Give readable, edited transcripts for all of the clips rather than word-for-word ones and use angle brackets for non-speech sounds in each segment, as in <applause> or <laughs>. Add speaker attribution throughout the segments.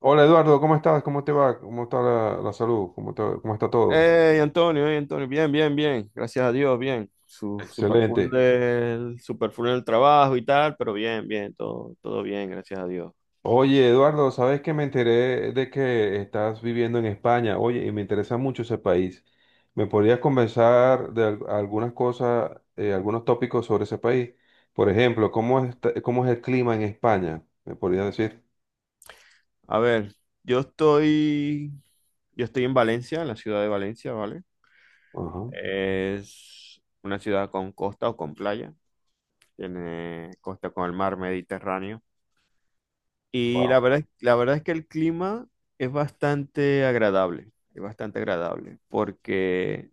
Speaker 1: Hola Eduardo, ¿cómo estás? ¿Cómo te va? ¿Cómo está la salud? ¿ Cómo está todo?
Speaker 2: Hey, Antonio, bien, bien, bien, gracias a Dios, bien. Super full
Speaker 1: Excelente.
Speaker 2: super full del trabajo y tal, pero bien, bien, todo, todo bien, gracias a Dios.
Speaker 1: Oye Eduardo, ¿sabes que me enteré de que estás viviendo en España? Oye, y me interesa mucho ese país. ¿Me podrías conversar de algunas cosas, algunos tópicos sobre ese país? Por ejemplo, ¿ cómo es el clima en España? ¿Me podrías decir?
Speaker 2: A ver, yo estoy, yo estoy en Valencia, en la ciudad de Valencia, ¿vale?
Speaker 1: Ajá.
Speaker 2: Es una ciudad con costa o con playa, tiene costa con el mar Mediterráneo. Y
Speaker 1: Wow.
Speaker 2: la verdad, la verdad es que el clima es bastante agradable, porque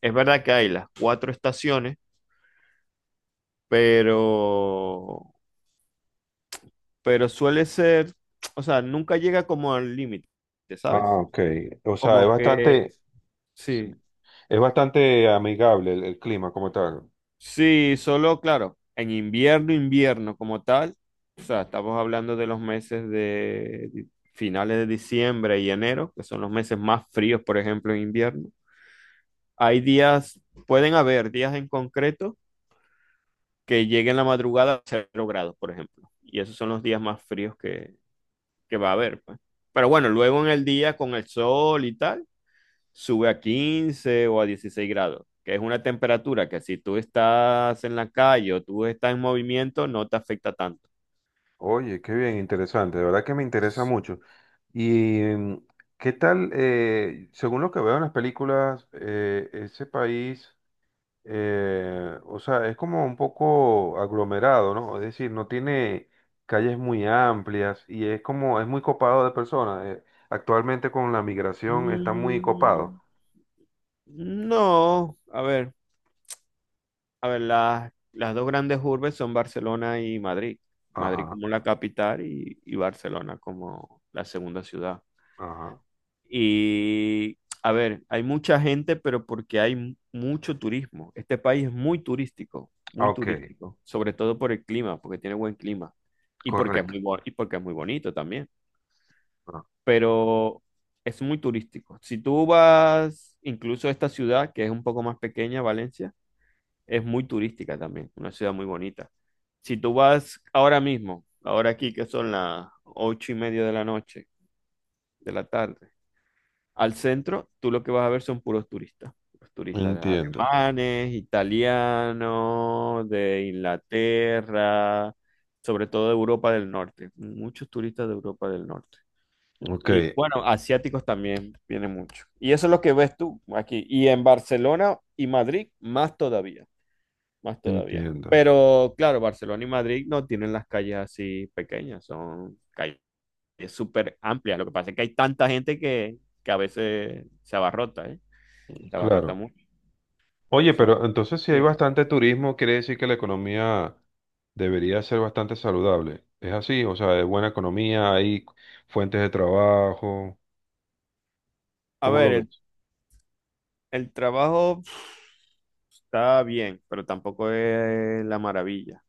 Speaker 2: es verdad que hay las cuatro estaciones, pero, pero suele ser, o sea, nunca llega como al límite,
Speaker 1: Ah,
Speaker 2: ¿sabes?
Speaker 1: ok. O sea, es
Speaker 2: Como que,
Speaker 1: bastante, sí,
Speaker 2: sí,
Speaker 1: es bastante amigable el clima como tal.
Speaker 2: sí, solo, claro, en invierno, invierno como tal, o sea, estamos hablando de los meses de finales de diciembre y enero, que son los meses más fríos, por ejemplo, en invierno. Hay días, pueden haber días en concreto que lleguen la madrugada a 0 grados, por ejemplo, y esos son los días más fríos que va a haber, pues. Pero bueno, luego en el día con el sol y tal, sube a 15 o a 16 grados, que es una temperatura que si tú estás en la calle o tú estás en movimiento, no te afecta tanto.
Speaker 1: Oye, qué bien, interesante, de verdad que me interesa mucho. ¿Y qué tal, según lo que veo en las películas, ese país, o sea, es como un poco aglomerado, ¿no? Es decir, no tiene calles muy amplias y es como, es muy copado de personas. Actualmente con la migración está muy copado.
Speaker 2: Mm, no, a ver, las dos grandes urbes son Barcelona y Madrid. Madrid
Speaker 1: Ajá,
Speaker 2: como la capital y Barcelona como la segunda ciudad.
Speaker 1: ajá.
Speaker 2: Y a ver, hay mucha gente, pero porque hay mucho turismo. Este país es
Speaker 1: Ah,
Speaker 2: muy
Speaker 1: ok,
Speaker 2: turístico, sobre todo por el clima, porque tiene buen clima y porque es
Speaker 1: correcto.
Speaker 2: y porque es muy bonito también,
Speaker 1: Ah,
Speaker 2: pero es muy turístico. Si tú vas incluso a esta ciudad, que es un poco más pequeña, Valencia, es muy turística también, una ciudad muy bonita. Si tú vas ahora mismo, ahora aquí que son las 8:30 de la noche, de la tarde, al centro, tú lo que vas a ver son puros turistas. Puros turistas
Speaker 1: entiendo,
Speaker 2: alemanes, italianos, de Inglaterra, sobre todo de Europa del Norte. Muchos turistas de Europa del Norte.
Speaker 1: ok,
Speaker 2: Y bueno, asiáticos también viene mucho. Y eso es lo que ves tú aquí. Y en Barcelona y Madrid, más todavía, más todavía.
Speaker 1: entiendo.
Speaker 2: Pero claro, Barcelona y Madrid no tienen las calles así pequeñas, son calles, es súper amplia. Lo que pasa es que hay tanta gente que a veces se abarrota, ¿eh? Se abarrota
Speaker 1: Claro.
Speaker 2: mucho.
Speaker 1: Oye,
Speaker 2: So-
Speaker 1: pero entonces si hay
Speaker 2: Sí.
Speaker 1: bastante turismo, quiere decir que la economía debería ser bastante saludable. ¿Es así? O sea, es buena economía, hay fuentes de trabajo.
Speaker 2: A
Speaker 1: ¿Cómo lo
Speaker 2: ver,
Speaker 1: ves?
Speaker 2: el trabajo, pf, está bien, pero tampoco es la maravilla.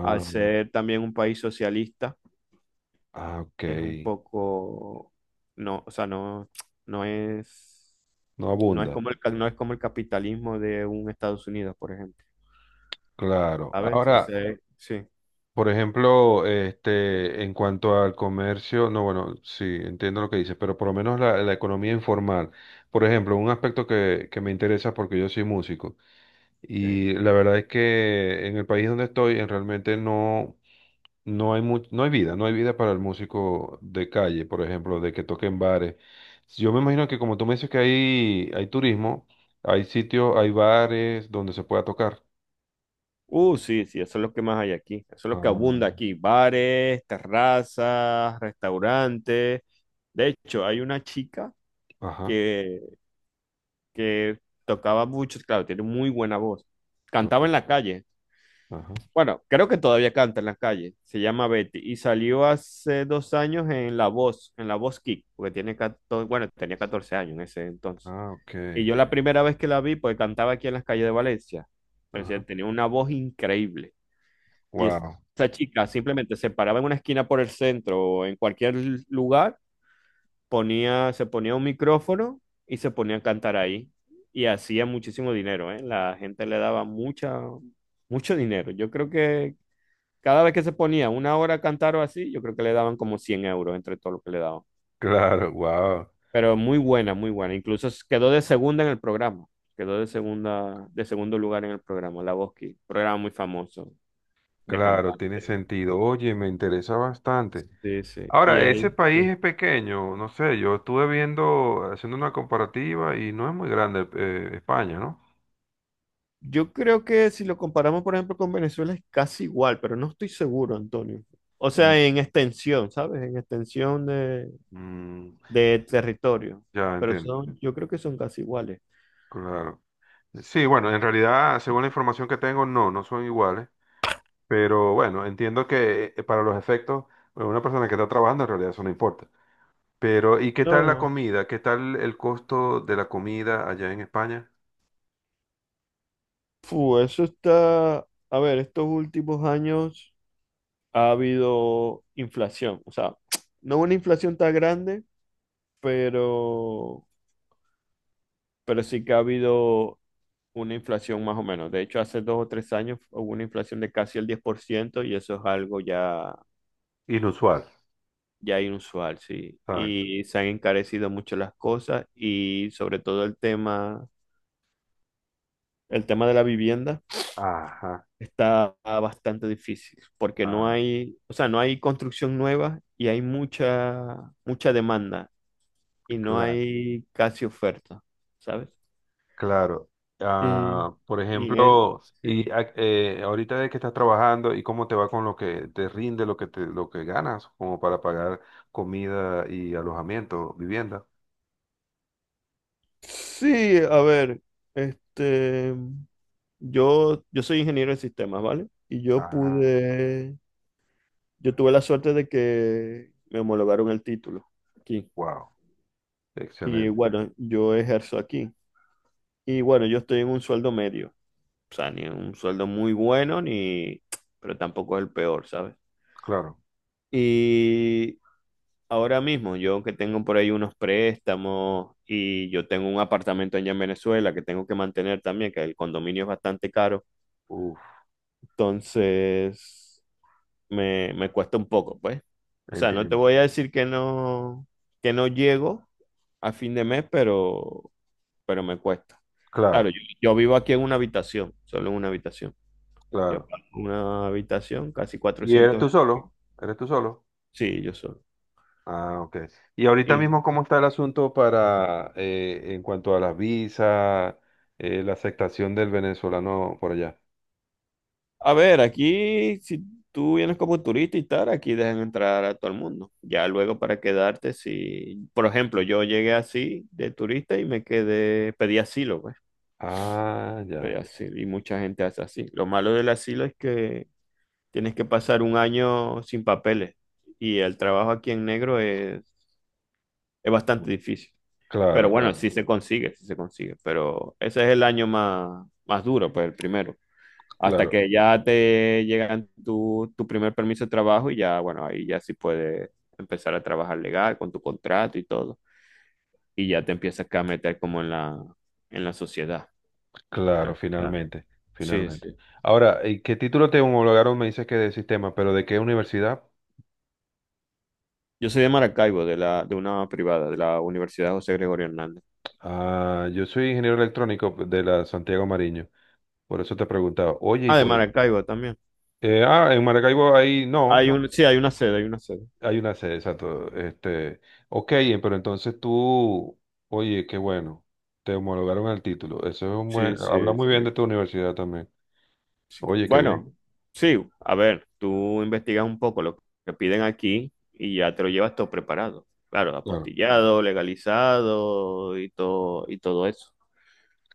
Speaker 2: Al ser también un país socialista,
Speaker 1: ah, ok.
Speaker 2: es un poco, no, o sea, no, no es,
Speaker 1: No
Speaker 2: no es
Speaker 1: abunda.
Speaker 2: como el, no es como el capitalismo de un Estados Unidos, por ejemplo.
Speaker 1: Claro.
Speaker 2: ¿Sabes?
Speaker 1: Ahora,
Speaker 2: Ese, sí.
Speaker 1: por ejemplo, este, en cuanto al comercio, no, bueno, sí, entiendo lo que dices, pero por lo menos la economía informal. Por ejemplo, un aspecto que me interesa porque yo soy músico.
Speaker 2: Ok.
Speaker 1: Y la verdad es que en el país donde estoy, en realmente no, no hay vida, no hay vida para el músico de calle, por ejemplo, de que toque en bares. Yo me imagino que como tú me dices que hay turismo, hay sitios, hay bares donde se pueda tocar.
Speaker 2: Sí, sí, eso es lo que más hay aquí. Eso es lo que abunda
Speaker 1: Ah,
Speaker 2: aquí. Bares, terrazas, restaurantes. De hecho, hay una chica
Speaker 1: ajá,
Speaker 2: que, que tocaba mucho, claro, tiene muy buena voz. Cantaba en
Speaker 1: correcto.
Speaker 2: la calle.
Speaker 1: Ajá.
Speaker 2: Bueno, creo que todavía canta en la calle. Se llama Betty y salió hace 2 años en La Voz Kick, porque tiene 14, bueno, tenía 14 años en ese entonces.
Speaker 1: Ah, ok.
Speaker 2: Y yo la primera vez que la vi, pues cantaba aquí en las calles de Valencia. Pero, o sea,
Speaker 1: Ajá.
Speaker 2: tenía una voz increíble. Y es-
Speaker 1: Wow. <laughs>
Speaker 2: esa chica simplemente se paraba en una esquina por el centro o en cualquier lugar, se ponía un micrófono y se ponía a cantar ahí. Y hacía muchísimo dinero, ¿eh? La gente le daba mucha, mucho dinero. Yo creo que cada vez que se ponía una hora a cantar o así, yo creo que le daban como 100 euros entre todo lo que le daban.
Speaker 1: Claro, wow.
Speaker 2: Pero muy buena, muy buena. Incluso quedó de segunda en el programa. Quedó de segunda, de segundo lugar en el programa, La Voz Kids. Programa muy famoso de
Speaker 1: Claro, tiene
Speaker 2: cantante.
Speaker 1: sentido. Oye, me interesa bastante.
Speaker 2: Sí, sí. Y
Speaker 1: Ahora, ese
Speaker 2: ahí,
Speaker 1: país
Speaker 2: sí.
Speaker 1: es pequeño, no sé, yo estuve viendo, haciendo una comparativa y no es muy grande España, ¿no?
Speaker 2: Yo creo que si lo comparamos, por ejemplo, con Venezuela es casi igual, pero no estoy seguro, Antonio. O sea,
Speaker 1: Mm,
Speaker 2: en extensión, ¿sabes? En extensión
Speaker 1: Mm,
Speaker 2: de territorio.
Speaker 1: ya
Speaker 2: Pero
Speaker 1: entiendo,
Speaker 2: son, yo creo que son casi iguales.
Speaker 1: claro. Sí, bueno, en realidad, según la información que tengo, no, no son iguales, pero bueno, entiendo que para los efectos, bueno, una persona que está trabajando en realidad eso no importa. Pero, ¿y qué tal
Speaker 2: No,
Speaker 1: la
Speaker 2: no.
Speaker 1: comida? ¿Qué tal el costo de la comida allá en España?
Speaker 2: Fu, eso está. A ver, estos últimos años ha habido inflación. O sea, no una inflación tan grande, pero, pero sí que ha habido una inflación más o menos. De hecho, hace 2 o 3 años hubo una inflación de casi el 10% y eso es algo ya,
Speaker 1: Inusual.
Speaker 2: ya inusual, sí.
Speaker 1: Exacto.
Speaker 2: Y se han encarecido mucho las cosas y sobre todo el tema de la vivienda
Speaker 1: Ajá,
Speaker 2: está bastante difícil porque no
Speaker 1: ah,
Speaker 2: hay, o sea, no hay construcción nueva y hay mucha, mucha demanda y no
Speaker 1: claro.
Speaker 2: hay casi oferta, ¿sabes?
Speaker 1: Claro.
Speaker 2: Y,
Speaker 1: Ah, por
Speaker 2: y
Speaker 1: ejemplo,
Speaker 2: sí.
Speaker 1: ahorita de que estás trabajando y cómo te va con lo que te rinde, lo que te, lo que ganas, como para pagar comida y alojamiento, vivienda.
Speaker 2: Sí, a ver, este, yo soy ingeniero en sistemas, ¿vale? Y yo
Speaker 1: Ah,
Speaker 2: pude, yo tuve la suerte de que me homologaron el título aquí.
Speaker 1: wow.
Speaker 2: Y
Speaker 1: Excelente.
Speaker 2: bueno, yo ejerzo aquí. Y bueno, yo estoy en un sueldo medio, o sea, ni un sueldo muy bueno, ni, pero tampoco es el peor, ¿sabes?
Speaker 1: Claro.
Speaker 2: Y ahora mismo, yo que tengo por ahí unos préstamos y yo tengo un apartamento allá en Venezuela que tengo que mantener también, que el condominio es bastante caro.
Speaker 1: Uf,
Speaker 2: Entonces, me cuesta un poco, pues. O sea, no te
Speaker 1: entiendo.
Speaker 2: voy a decir que no llego a fin de mes, pero me cuesta. Claro,
Speaker 1: Claro,
Speaker 2: yo vivo aquí en una habitación, solo en una habitación. Yo
Speaker 1: claro.
Speaker 2: pago una habitación, casi
Speaker 1: ¿Y eres
Speaker 2: cuatrocientos
Speaker 1: tú
Speaker 2: euros.
Speaker 1: solo? ¿Eres tú solo?
Speaker 2: Sí, yo solo.
Speaker 1: Ah, ok. ¿Y ahorita
Speaker 2: Y,
Speaker 1: mismo cómo está el asunto para en cuanto a las visas, la aceptación del venezolano por allá?
Speaker 2: a ver, aquí, si tú vienes como turista y tal, aquí dejan entrar a todo el mundo. Ya luego para quedarte, si, por ejemplo, yo llegué así de turista y me quedé, pedí asilo, pues.
Speaker 1: Ah,
Speaker 2: Pero
Speaker 1: ya.
Speaker 2: así, y mucha gente hace así. Lo malo del asilo es que tienes que pasar un año sin papeles y el trabajo aquí en negro es bastante difícil. Pero
Speaker 1: Claro,
Speaker 2: bueno,
Speaker 1: claro,
Speaker 2: sí se consigue, sí se consigue. Pero ese es el año más, más duro, pues el primero. Hasta
Speaker 1: claro,
Speaker 2: que ya te llegan tu, primer permiso de trabajo y ya, bueno, ahí ya sí puedes empezar a trabajar legal con tu contrato y todo. Y ya te empiezas acá a meter como en la sociedad. En
Speaker 1: claro,
Speaker 2: la sociedad.
Speaker 1: finalmente,
Speaker 2: Sí,
Speaker 1: finalmente.
Speaker 2: sí.
Speaker 1: Ahora, ¿y qué título te homologaron? Me dices que de sistema, pero ¿de qué universidad?
Speaker 2: Yo soy de Maracaibo, de la, de una privada, de la Universidad José Gregorio Hernández.
Speaker 1: Ah, yo soy ingeniero electrónico de la Santiago Mariño, por eso te preguntaba. Oye, y
Speaker 2: Ah, de
Speaker 1: te...
Speaker 2: Maracaibo también.
Speaker 1: en Maracaibo ahí no,
Speaker 2: Hay, ah, un, sí, hay una sede, hay una sede.
Speaker 1: hay una sede, exacto. Este, ok, pero entonces tú, oye, qué bueno, te homologaron el título. Eso es un buen,
Speaker 2: Sí, sí,
Speaker 1: habla muy bien de
Speaker 2: sí.
Speaker 1: tu universidad también. Oye, qué bien,
Speaker 2: Bueno, sí, a ver, tú investigas un poco lo que piden aquí y ya te lo llevas todo preparado. Claro,
Speaker 1: claro,
Speaker 2: apostillado, legalizado y todo eso.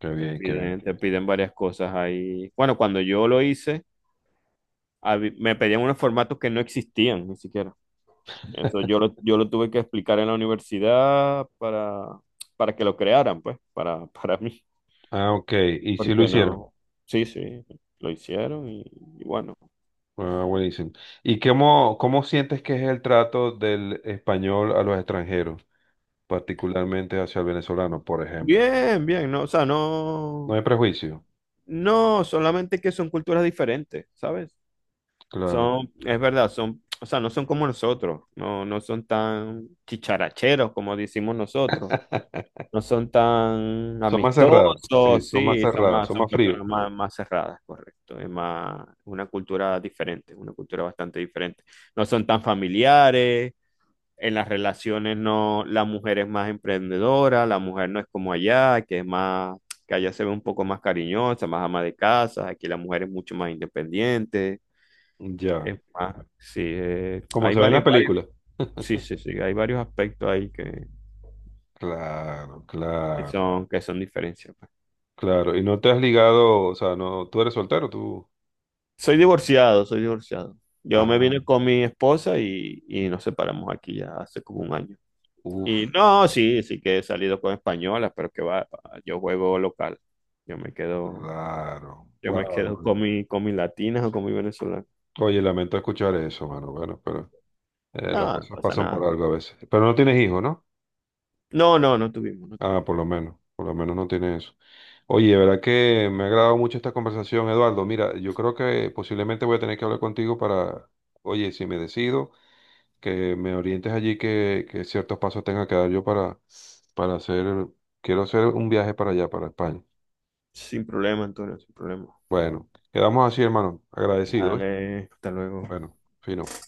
Speaker 1: qué bien, qué bien.
Speaker 2: Te piden varias cosas ahí. Bueno, cuando yo lo hice, me pedían unos formatos que no existían ni siquiera. Eso yo lo tuve que explicar en la universidad para que lo crearan, pues, para, <laughs> para mí.
Speaker 1: Ah, ok, ¿y si lo
Speaker 2: Porque
Speaker 1: hicieron?
Speaker 2: no. Sí, sí, lo hicieron y bueno.
Speaker 1: Ah, buenísimo. ¿Y cómo, cómo sientes que es el trato del español a los extranjeros, particularmente hacia el venezolano, por ejemplo?
Speaker 2: Bien, bien, no, o sea,
Speaker 1: No
Speaker 2: no.
Speaker 1: hay prejuicio,
Speaker 2: No, solamente que son culturas diferentes, ¿sabes?
Speaker 1: claro.
Speaker 2: Son, es verdad, son, o sea, no son como nosotros, no, no son tan chicharacheros como decimos nosotros.
Speaker 1: <laughs>
Speaker 2: No son tan
Speaker 1: Son más cerrados, sí,
Speaker 2: amistosos,
Speaker 1: son más
Speaker 2: sí, son
Speaker 1: cerrados,
Speaker 2: más,
Speaker 1: son
Speaker 2: son
Speaker 1: más fríos.
Speaker 2: personas más, más cerradas, correcto. Es más una cultura diferente, una cultura bastante diferente. No son tan familiares, en las relaciones no, la mujer es más emprendedora, la mujer no es como allá, que es más, que allá se ve un poco más cariñosa, más ama de casa, aquí la mujer es mucho más independiente,
Speaker 1: Ya,
Speaker 2: es más, sí,
Speaker 1: como
Speaker 2: hay
Speaker 1: se ve en las
Speaker 2: varios, varios,
Speaker 1: películas.
Speaker 2: sí,
Speaker 1: <laughs>
Speaker 2: sí, sí, hay varios aspectos ahí
Speaker 1: Claro, claro,
Speaker 2: que son diferencias.
Speaker 1: claro. ¿Y no te has ligado, o sea, no, tú eres soltero, tú?
Speaker 2: Soy divorciado, soy divorciado. Yo me
Speaker 1: Ah,
Speaker 2: vine con mi esposa y nos separamos aquí ya hace como un año.
Speaker 1: uff,
Speaker 2: Y no, sí, sí que he salido con españolas, pero que va, yo juego local. Yo me quedo,
Speaker 1: claro.
Speaker 2: yo me quedo
Speaker 1: Wow,
Speaker 2: con mi, con mis latinas o con mi venezolana.
Speaker 1: oye, lamento escuchar eso, mano. Bueno, pero las
Speaker 2: No, no
Speaker 1: cosas
Speaker 2: pasa
Speaker 1: pasan por
Speaker 2: nada.
Speaker 1: algo a veces. Pero no tienes hijos, ¿no?
Speaker 2: No, no, no tuvimos, no tuvimos.
Speaker 1: Ah, por lo menos no tienes eso. Oye, de verdad que me ha agradado mucho esta conversación, Eduardo. Mira, yo creo que posiblemente voy a tener que hablar contigo para, oye, si me decido, que me orientes allí, que ciertos pasos tenga que dar yo para hacer, quiero hacer un viaje para allá, para España.
Speaker 2: Sin problema, Antonio, sin problema.
Speaker 1: Bueno, quedamos así, hermano. Agradecido, ¿oíste?
Speaker 2: Dale, hasta luego.
Speaker 1: Bueno, fino.